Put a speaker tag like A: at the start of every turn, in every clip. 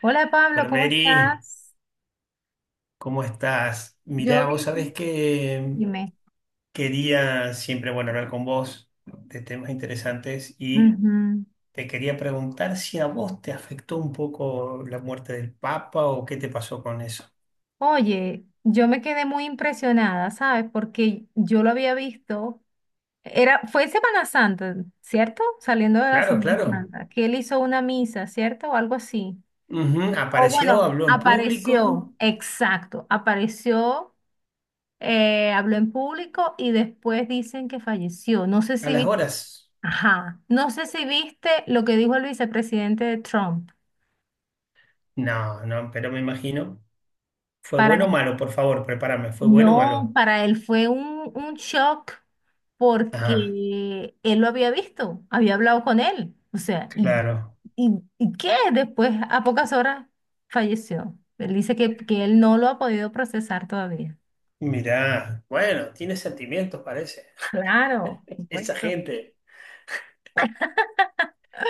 A: Hola Pablo, ¿cómo
B: Colmeri,
A: estás?
B: ¿cómo estás?
A: Yo
B: Mirá, vos sabés
A: bien.
B: que
A: Dime.
B: quería siempre, bueno, hablar con vos de temas interesantes y
A: Ujú.
B: te quería preguntar si a vos te afectó un poco la muerte del Papa o qué te pasó con eso.
A: Oye, yo me quedé muy impresionada, ¿sabes? Porque yo lo había visto. Era, fue Semana Santa, ¿cierto? Saliendo de la
B: Claro,
A: Semana
B: claro.
A: Santa, que él hizo una misa, ¿cierto? O algo así.
B: Ujú.
A: O
B: Apareció,
A: bueno,
B: habló en público
A: apareció, exacto, apareció, habló en público y después dicen que falleció. No sé
B: a
A: si
B: las
A: viste,
B: horas.
A: ajá, no sé si viste lo que dijo el vicepresidente de Trump.
B: No, no, pero me imagino. ¿Fue
A: Para
B: bueno o malo? Por favor, prepárame. ¿Fue bueno o
A: no,
B: malo?
A: para él fue un shock
B: Ah,
A: porque él lo había visto, había hablado con él. O sea, ¿y,
B: claro.
A: y, y qué? Después, a pocas horas, falleció. Él dice que él no lo ha podido procesar todavía.
B: Mirá, bueno, tiene sentimientos, parece.
A: Claro, por
B: Esa
A: supuesto.
B: gente.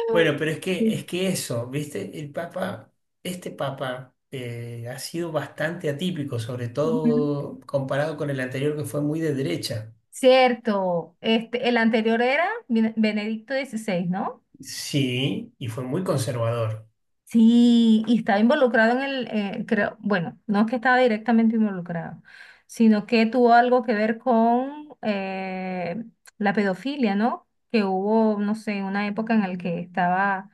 B: Bueno, pero
A: Sí.
B: es que eso, ¿viste? El Papa, este Papa ha sido bastante atípico, sobre
A: Ujú.
B: todo comparado con el anterior que fue muy de derecha.
A: Cierto, este, el anterior era Benedicto 16, ¿no?
B: Sí, y fue muy conservador.
A: Sí, y estaba involucrado en el, creo, bueno, no es que estaba directamente involucrado, sino que tuvo algo que ver con la pedofilia, ¿no? Que hubo, no sé, una época en la que estaba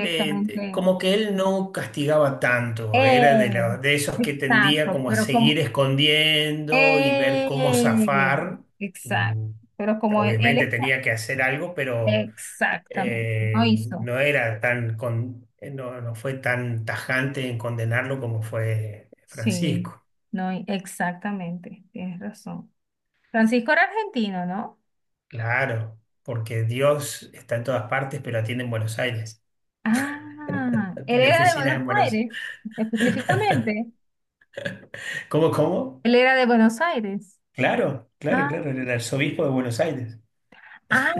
B: Como que él no castigaba tanto, era de,
A: Eh,
B: de esos que tendía
A: exacto,
B: como a
A: pero
B: seguir
A: como…
B: escondiendo y ver cómo
A: Eh,
B: zafar.
A: exacto,
B: Mm.
A: pero como él
B: Obviamente
A: está…
B: tenía que hacer algo, pero
A: Exactamente, no hizo.
B: no era tan no, no fue tan tajante en condenarlo como fue
A: Sí,
B: Francisco.
A: no, exactamente, tienes razón. Francisco era argentino, ¿no?
B: Claro, porque Dios está en todas partes, pero atiende en Buenos Aires.
A: Ah, él
B: Tiene
A: era de
B: oficinas
A: Buenos
B: en Buenos
A: Aires, específicamente.
B: Aires. ¿Cómo, cómo?
A: Él era de Buenos Aires.
B: Claro, claro,
A: Ah,
B: claro, era el arzobispo de Buenos Aires.
A: ah,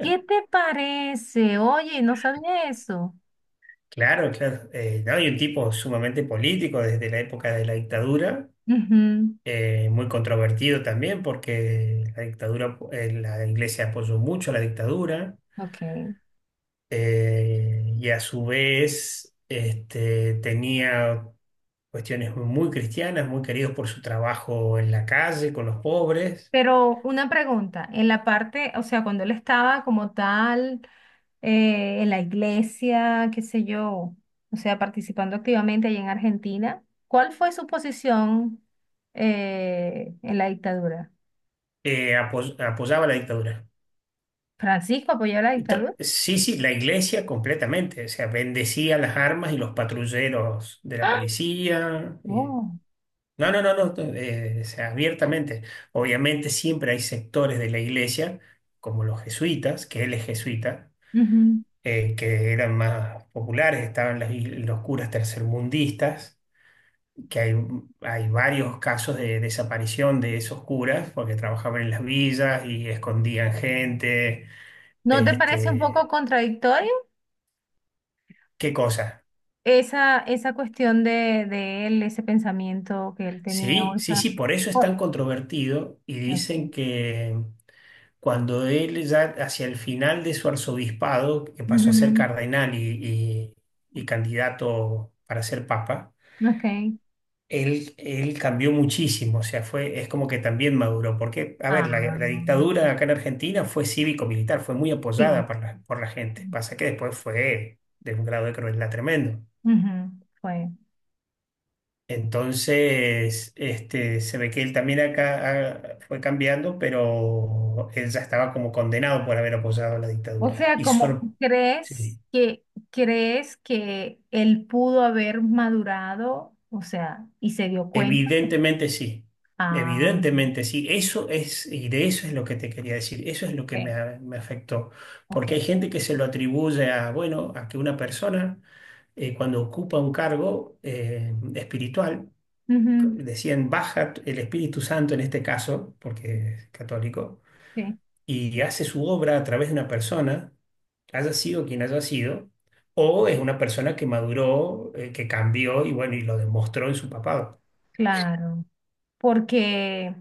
A: ¿qué te parece? Oye, no sabía eso.
B: Claro, claro. No, y un tipo sumamente político desde la época de la dictadura,
A: Ujú.
B: muy controvertido también, porque la dictadura, la iglesia apoyó mucho a la dictadura.
A: Ok.
B: Y a su vez este, tenía cuestiones muy cristianas, muy queridos por su trabajo en la calle con los pobres.
A: Pero una pregunta, en la parte, o sea, cuando él estaba como tal, en la iglesia, qué sé yo, o sea, participando activamente allí en Argentina, ¿cuál fue su posición, en la dictadura?
B: Apoyaba la dictadura.
A: Francisco apoyó la dictadura.
B: Sí, sí, la iglesia completamente, o sea, bendecía las armas y los patrulleros de la
A: ¡Ah!
B: policía.
A: Oh,
B: No, no, no, no, no, o sea, abiertamente. Obviamente siempre hay sectores de la iglesia, como los jesuitas, que él es jesuita,
A: ujú.
B: que eran más populares, estaban los curas tercermundistas, que hay varios casos de desaparición de esos curas porque trabajaban en las villas y escondían gente,
A: ¿No te parece un poco
B: este,
A: contradictorio
B: qué cosa.
A: esa cuestión de él, ese pensamiento que él tenía o
B: Sí, sí,
A: esa…
B: sí, por eso es
A: Oh,
B: tan controvertido y
A: ok.
B: dicen que cuando él ya hacia el final de su arzobispado, que pasó a ser
A: Ujú,
B: cardenal y y candidato para ser papa.
A: ok.
B: Él cambió muchísimo, o sea, fue, es como que también maduró, porque, a ver, la,
A: Ah,
B: la dictadura acá en Argentina fue cívico-militar, fue muy
A: sí.
B: apoyada por la gente. Pasa que después fue de un grado de crueldad tremendo.
A: Ujú, fue.
B: Entonces, este, se ve que él también acá fue cambiando, pero él ya estaba como condenado por haber apoyado la
A: O
B: dictadura.
A: sea, como
B: Sí.
A: crees que él pudo haber madurado, o sea, y se dio cuenta.
B: Evidentemente sí,
A: Ah,
B: evidentemente sí. Eso es, y de eso es lo que te quería decir, eso es lo que
A: ok,
B: me afectó, porque
A: ok.
B: hay gente que se lo atribuye a, bueno, a que una persona cuando ocupa un cargo espiritual,
A: Ujú,
B: decían, baja el Espíritu Santo en este caso, porque es católico,
A: sí.
B: y hace su obra a través de una persona, haya sido quien haya sido, o es una persona que maduró, que cambió y bueno, y lo demostró en su papado.
A: Claro, porque,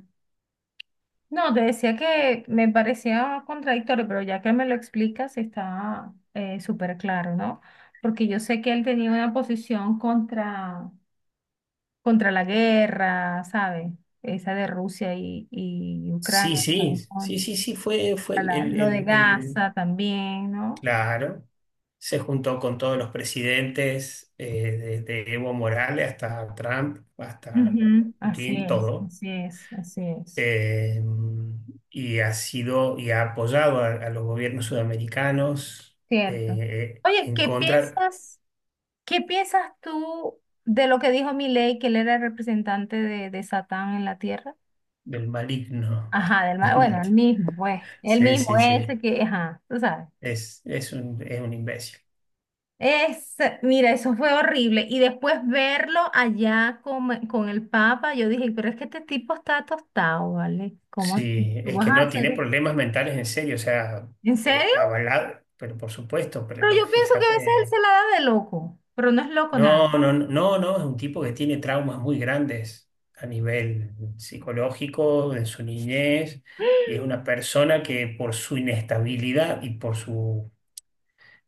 A: no, te decía que me parecía contradictorio, pero ya que me lo explicas está súper claro, ¿no? Porque yo sé que él tenía una posición contra la guerra, ¿sabes? Esa de Rusia y
B: Sí,
A: Ucrania,
B: sí,
A: ¿sabes? Contra
B: sí, sí, sí, fue, fue el,
A: lo de Gaza también, ¿no?
B: claro. Se juntó con todos los presidentes, desde Evo Morales hasta Trump, hasta
A: Ujú. Así
B: Putin,
A: es,
B: todo.
A: así es, así es.
B: Eh, y ha sido y ha apoyado a los gobiernos sudamericanos,
A: Cierto. Oye,
B: en
A: ¿qué
B: contra
A: piensas? ¿Qué piensas tú de lo que dijo Milei, que él era el representante de Satán en la tierra?
B: del maligno.
A: Ajá, del mal, bueno, el mismo, pues, el
B: Sí,
A: mismo,
B: sí, sí.
A: ese que, ajá, tú sabes.
B: Es un imbécil.
A: Es, mira, eso fue horrible. Y después verlo allá con el Papa, yo dije, pero es que este tipo está tostado, ¿vale? ¿Cómo así?
B: Sí,
A: ¿Tú
B: es
A: vas
B: que
A: a
B: no,
A: hacer?
B: tiene problemas mentales en serio, o sea,
A: ¿En serio?
B: avalado, pero por supuesto,
A: Pero
B: pero
A: yo pienso que a veces él
B: fíjate,
A: se la da de loco, pero no es loco nada.
B: no, no, no, no, es un tipo que tiene traumas muy grandes a nivel psicológico, de su niñez, y es una persona que por su inestabilidad y por su,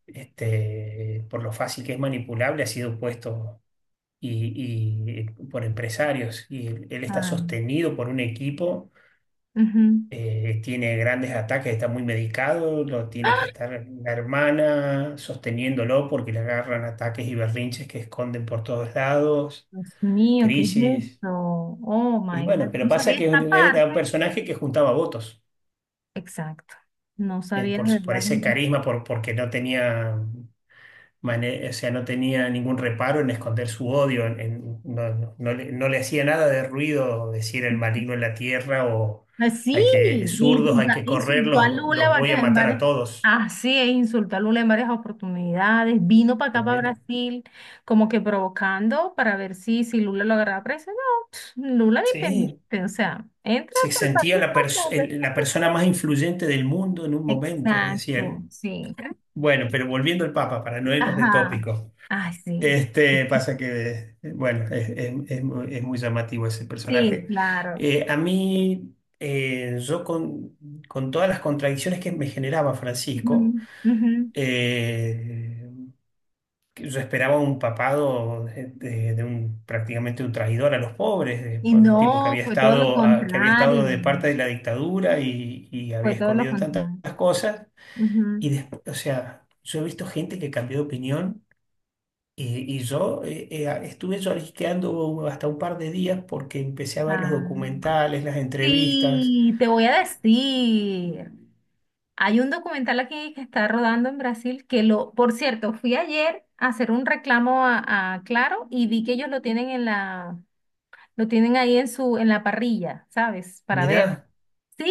B: este, por lo fácil que es manipulable, ha sido puesto y por empresarios, y él está
A: Ay,
B: sostenido por un equipo.
A: ujú.
B: Tiene grandes ataques, está muy medicado, lo tiene que estar la hermana sosteniéndolo porque le agarran ataques y berrinches que esconden por todos lados,
A: Dios mío, ¿qué es eso?
B: crisis.
A: Oh
B: Y
A: my God,
B: bueno, pero
A: no
B: pasa
A: sabía
B: que
A: esta
B: era un
A: parte.
B: personaje que juntaba votos
A: Exacto, no sabía de
B: por
A: verdad
B: ese
A: que.
B: carisma, por, porque no tenía, o sea, no tenía ningún reparo en esconder su odio, no, no le, no le hacía nada de ruido decir el maligno en la tierra o
A: Ah, sí,
B: hay que, zurdos, hay que correr,
A: insultó a
B: los
A: Lula
B: los voy a
A: varias, en
B: matar a
A: varias.
B: todos.
A: Así es, insultó a Lula en varias oportunidades. Vino para acá, para
B: Sí,
A: Brasil, como que provocando para ver si, si Lula lo agarraba preso. No, Lula ni
B: sí.
A: pendiente, o sea, entra
B: Se
A: a
B: sentía
A: tu país
B: la,
A: cuantas veces
B: la
A: tú
B: persona
A: quieras.
B: más influyente del mundo en un momento, decía
A: Exacto,
B: él.
A: sí.
B: Bueno, pero volviendo al Papa, para no irnos de
A: Ajá,
B: tópico,
A: ay, sí,
B: este, pasa que, bueno, es, es muy llamativo ese
A: sí,
B: personaje.
A: claro.
B: A mí, yo con todas las contradicciones que me generaba Francisco,
A: Ujú, ujú.
B: eh, que yo esperaba un papado de, de un prácticamente un traidor a los pobres,
A: Y
B: por un tipo que
A: no,
B: había
A: fue todo lo
B: estado, que había estado
A: contrario,
B: de parte de la dictadura y
A: fue
B: había
A: todo lo
B: escondido tantas
A: contrario.
B: cosas.
A: Ujú.
B: Y después, o sea, yo he visto gente que cambió de opinión y yo estuve lloriqueando hasta un par de días porque empecé a ver los
A: Ah,
B: documentales, las entrevistas.
A: sí, te voy a decir. Hay un documental aquí que está rodando en Brasil que lo, por cierto, fui ayer a hacer un reclamo a Claro y vi que ellos lo tienen en la, lo tienen ahí en su, en la parrilla, ¿sabes? Para ver.
B: Mirá,
A: Sí,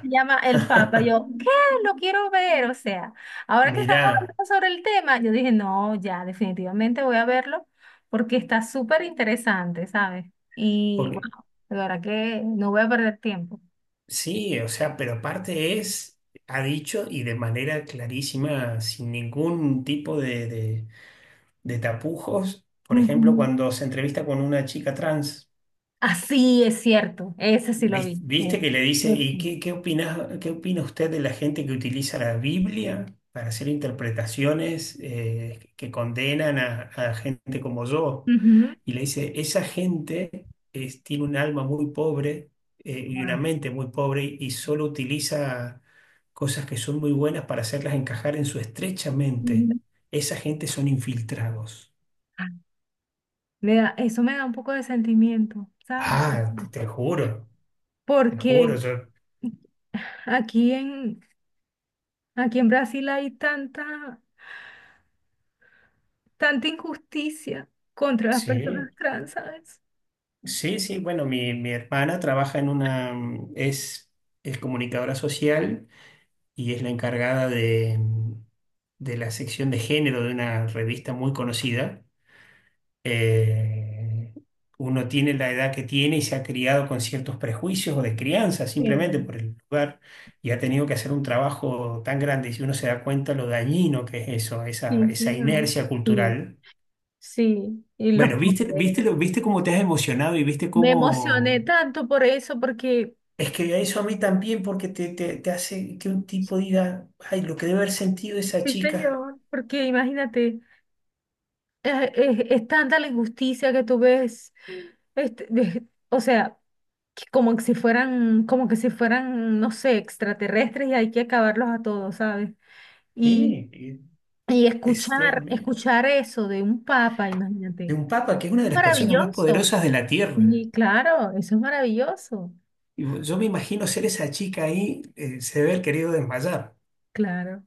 A: se llama El Papa. Yo, ¿qué? Lo quiero ver. O sea, ahora que estamos
B: mirá.
A: hablando sobre el tema, yo dije, no, ya, definitivamente voy a verlo porque está súper interesante, ¿sabes? Y
B: Porque
A: bueno, de verdad que no voy a perder tiempo.
B: sí, o sea, pero aparte es, ha dicho y de manera clarísima, sin ningún tipo de, de tapujos, por ejemplo,
A: Ujú.
B: cuando se entrevista con una chica trans,
A: Así es cierto, ese sí lo vi.
B: viste,
A: Ese,
B: que le dice,
A: ese.
B: ¿y qué, qué opina usted de la gente que utiliza la Biblia para hacer interpretaciones que condenan a gente como yo?
A: Ujú.
B: Y le dice, esa gente tiene un alma muy pobre y
A: Wow.
B: una mente muy pobre y solo utiliza cosas que son muy buenas para hacerlas encajar en su estrecha mente.
A: Ujú.
B: Esa gente son infiltrados.
A: Ah, eso me da un poco de sentimiento, ¿sabes?
B: Ah, te
A: Porque
B: juro,
A: aquí en, aquí en Brasil hay tanta injusticia contra las
B: sí,
A: personas trans, ¿sabes?
B: sí, sí, bueno, mi hermana trabaja en una, es comunicadora social y es la encargada de, de la sección de género de una revista muy conocida, eh, uno tiene la edad que tiene y se ha criado con ciertos prejuicios o de crianza
A: Eh,
B: simplemente por el lugar y ha tenido que hacer un trabajo tan grande y si uno se da cuenta lo dañino que es eso, esa,
A: sí,
B: esa
A: señor.
B: inercia
A: Y
B: cultural.
A: sí, y los
B: Bueno, viste, viste,
A: condenan.
B: viste cómo te has emocionado y viste
A: Me emocioné
B: cómo...
A: tanto por eso, porque,
B: Es que eso a mí también porque te hace que un tipo diga, ay, lo que debe haber sentido esa
A: sí,
B: chica.
A: señor, porque imagínate, es, tanta la injusticia que tú ves, este, de- o sea, que como que si fueran, como que si fueran, no sé, extraterrestres y hay que acabarlos a todos, ¿sabes? Y,
B: Sí,
A: y
B: es, Dios
A: escuchar,
B: mío.
A: escuchar eso de un papa,
B: De
A: imagínate,
B: un papa que es una de las personas más
A: maravilloso.
B: poderosas de la tierra.
A: Y claro, eso es maravilloso.
B: Y yo me imagino ser esa chica ahí, se debe haber querido desmayar.
A: Claro,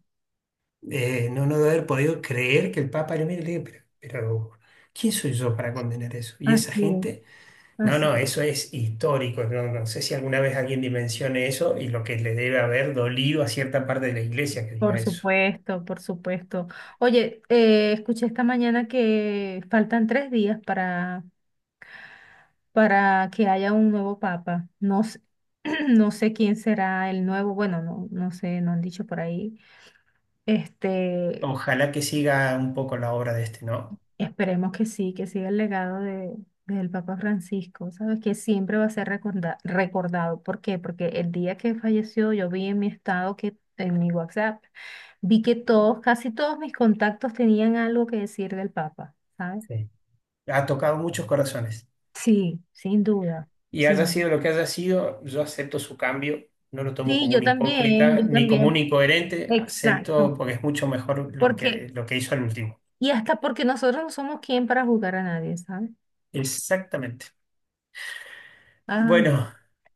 B: No, no debe haber podido creer que el Papa le mire y le diga, pero, ¿quién soy yo para condenar eso? Y esa
A: así es,
B: gente, no,
A: así.
B: no, eso es histórico. No, no sé si alguna vez alguien dimensione eso y lo que le debe haber dolido a cierta parte de la iglesia que diga
A: Por
B: eso.
A: supuesto, por supuesto. Oye, escuché esta mañana que faltan 3 días para que haya un nuevo papa. No, s- no sé quién será el nuevo, bueno, no, no sé, no han dicho por ahí. Este,
B: Ojalá que siga un poco la obra de este, ¿no?
A: esperemos que sí, que siga el legado del Papa Francisco, ¿sabes? Que siempre va a ser recordado. ¿Por qué? Porque el día que falleció yo vi en mi estado que, en mi WhatsApp, vi que todos, casi todos mis contactos tenían algo que decir del Papa, ¿sabes?
B: Sí. Ha tocado muchos corazones.
A: Sí, sin duda.
B: Y
A: Sí,
B: haya sido lo que haya sido, yo acepto su cambio, no lo tomo
A: sí,
B: como
A: yo
B: un
A: también,
B: hipócrita
A: yo
B: ni como un
A: también.
B: incoherente, acepto
A: Exacto.
B: porque es mucho mejor
A: Porque,
B: lo que hizo al último.
A: y hasta porque nosotros no somos quien para juzgar a nadie, ¿sabes?
B: Exactamente.
A: Ah, ya.
B: Bueno,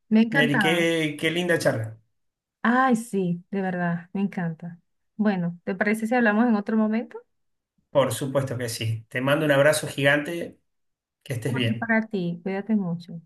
A: Me ha
B: Mary,
A: encantado.
B: qué, qué linda charla.
A: Ay, sí, de verdad, me encanta. Bueno, ¿te parece si hablamos en otro momento?
B: Por supuesto que sí. Te mando un abrazo gigante, que estés
A: Otro
B: bien.
A: para ti, cuídate mucho.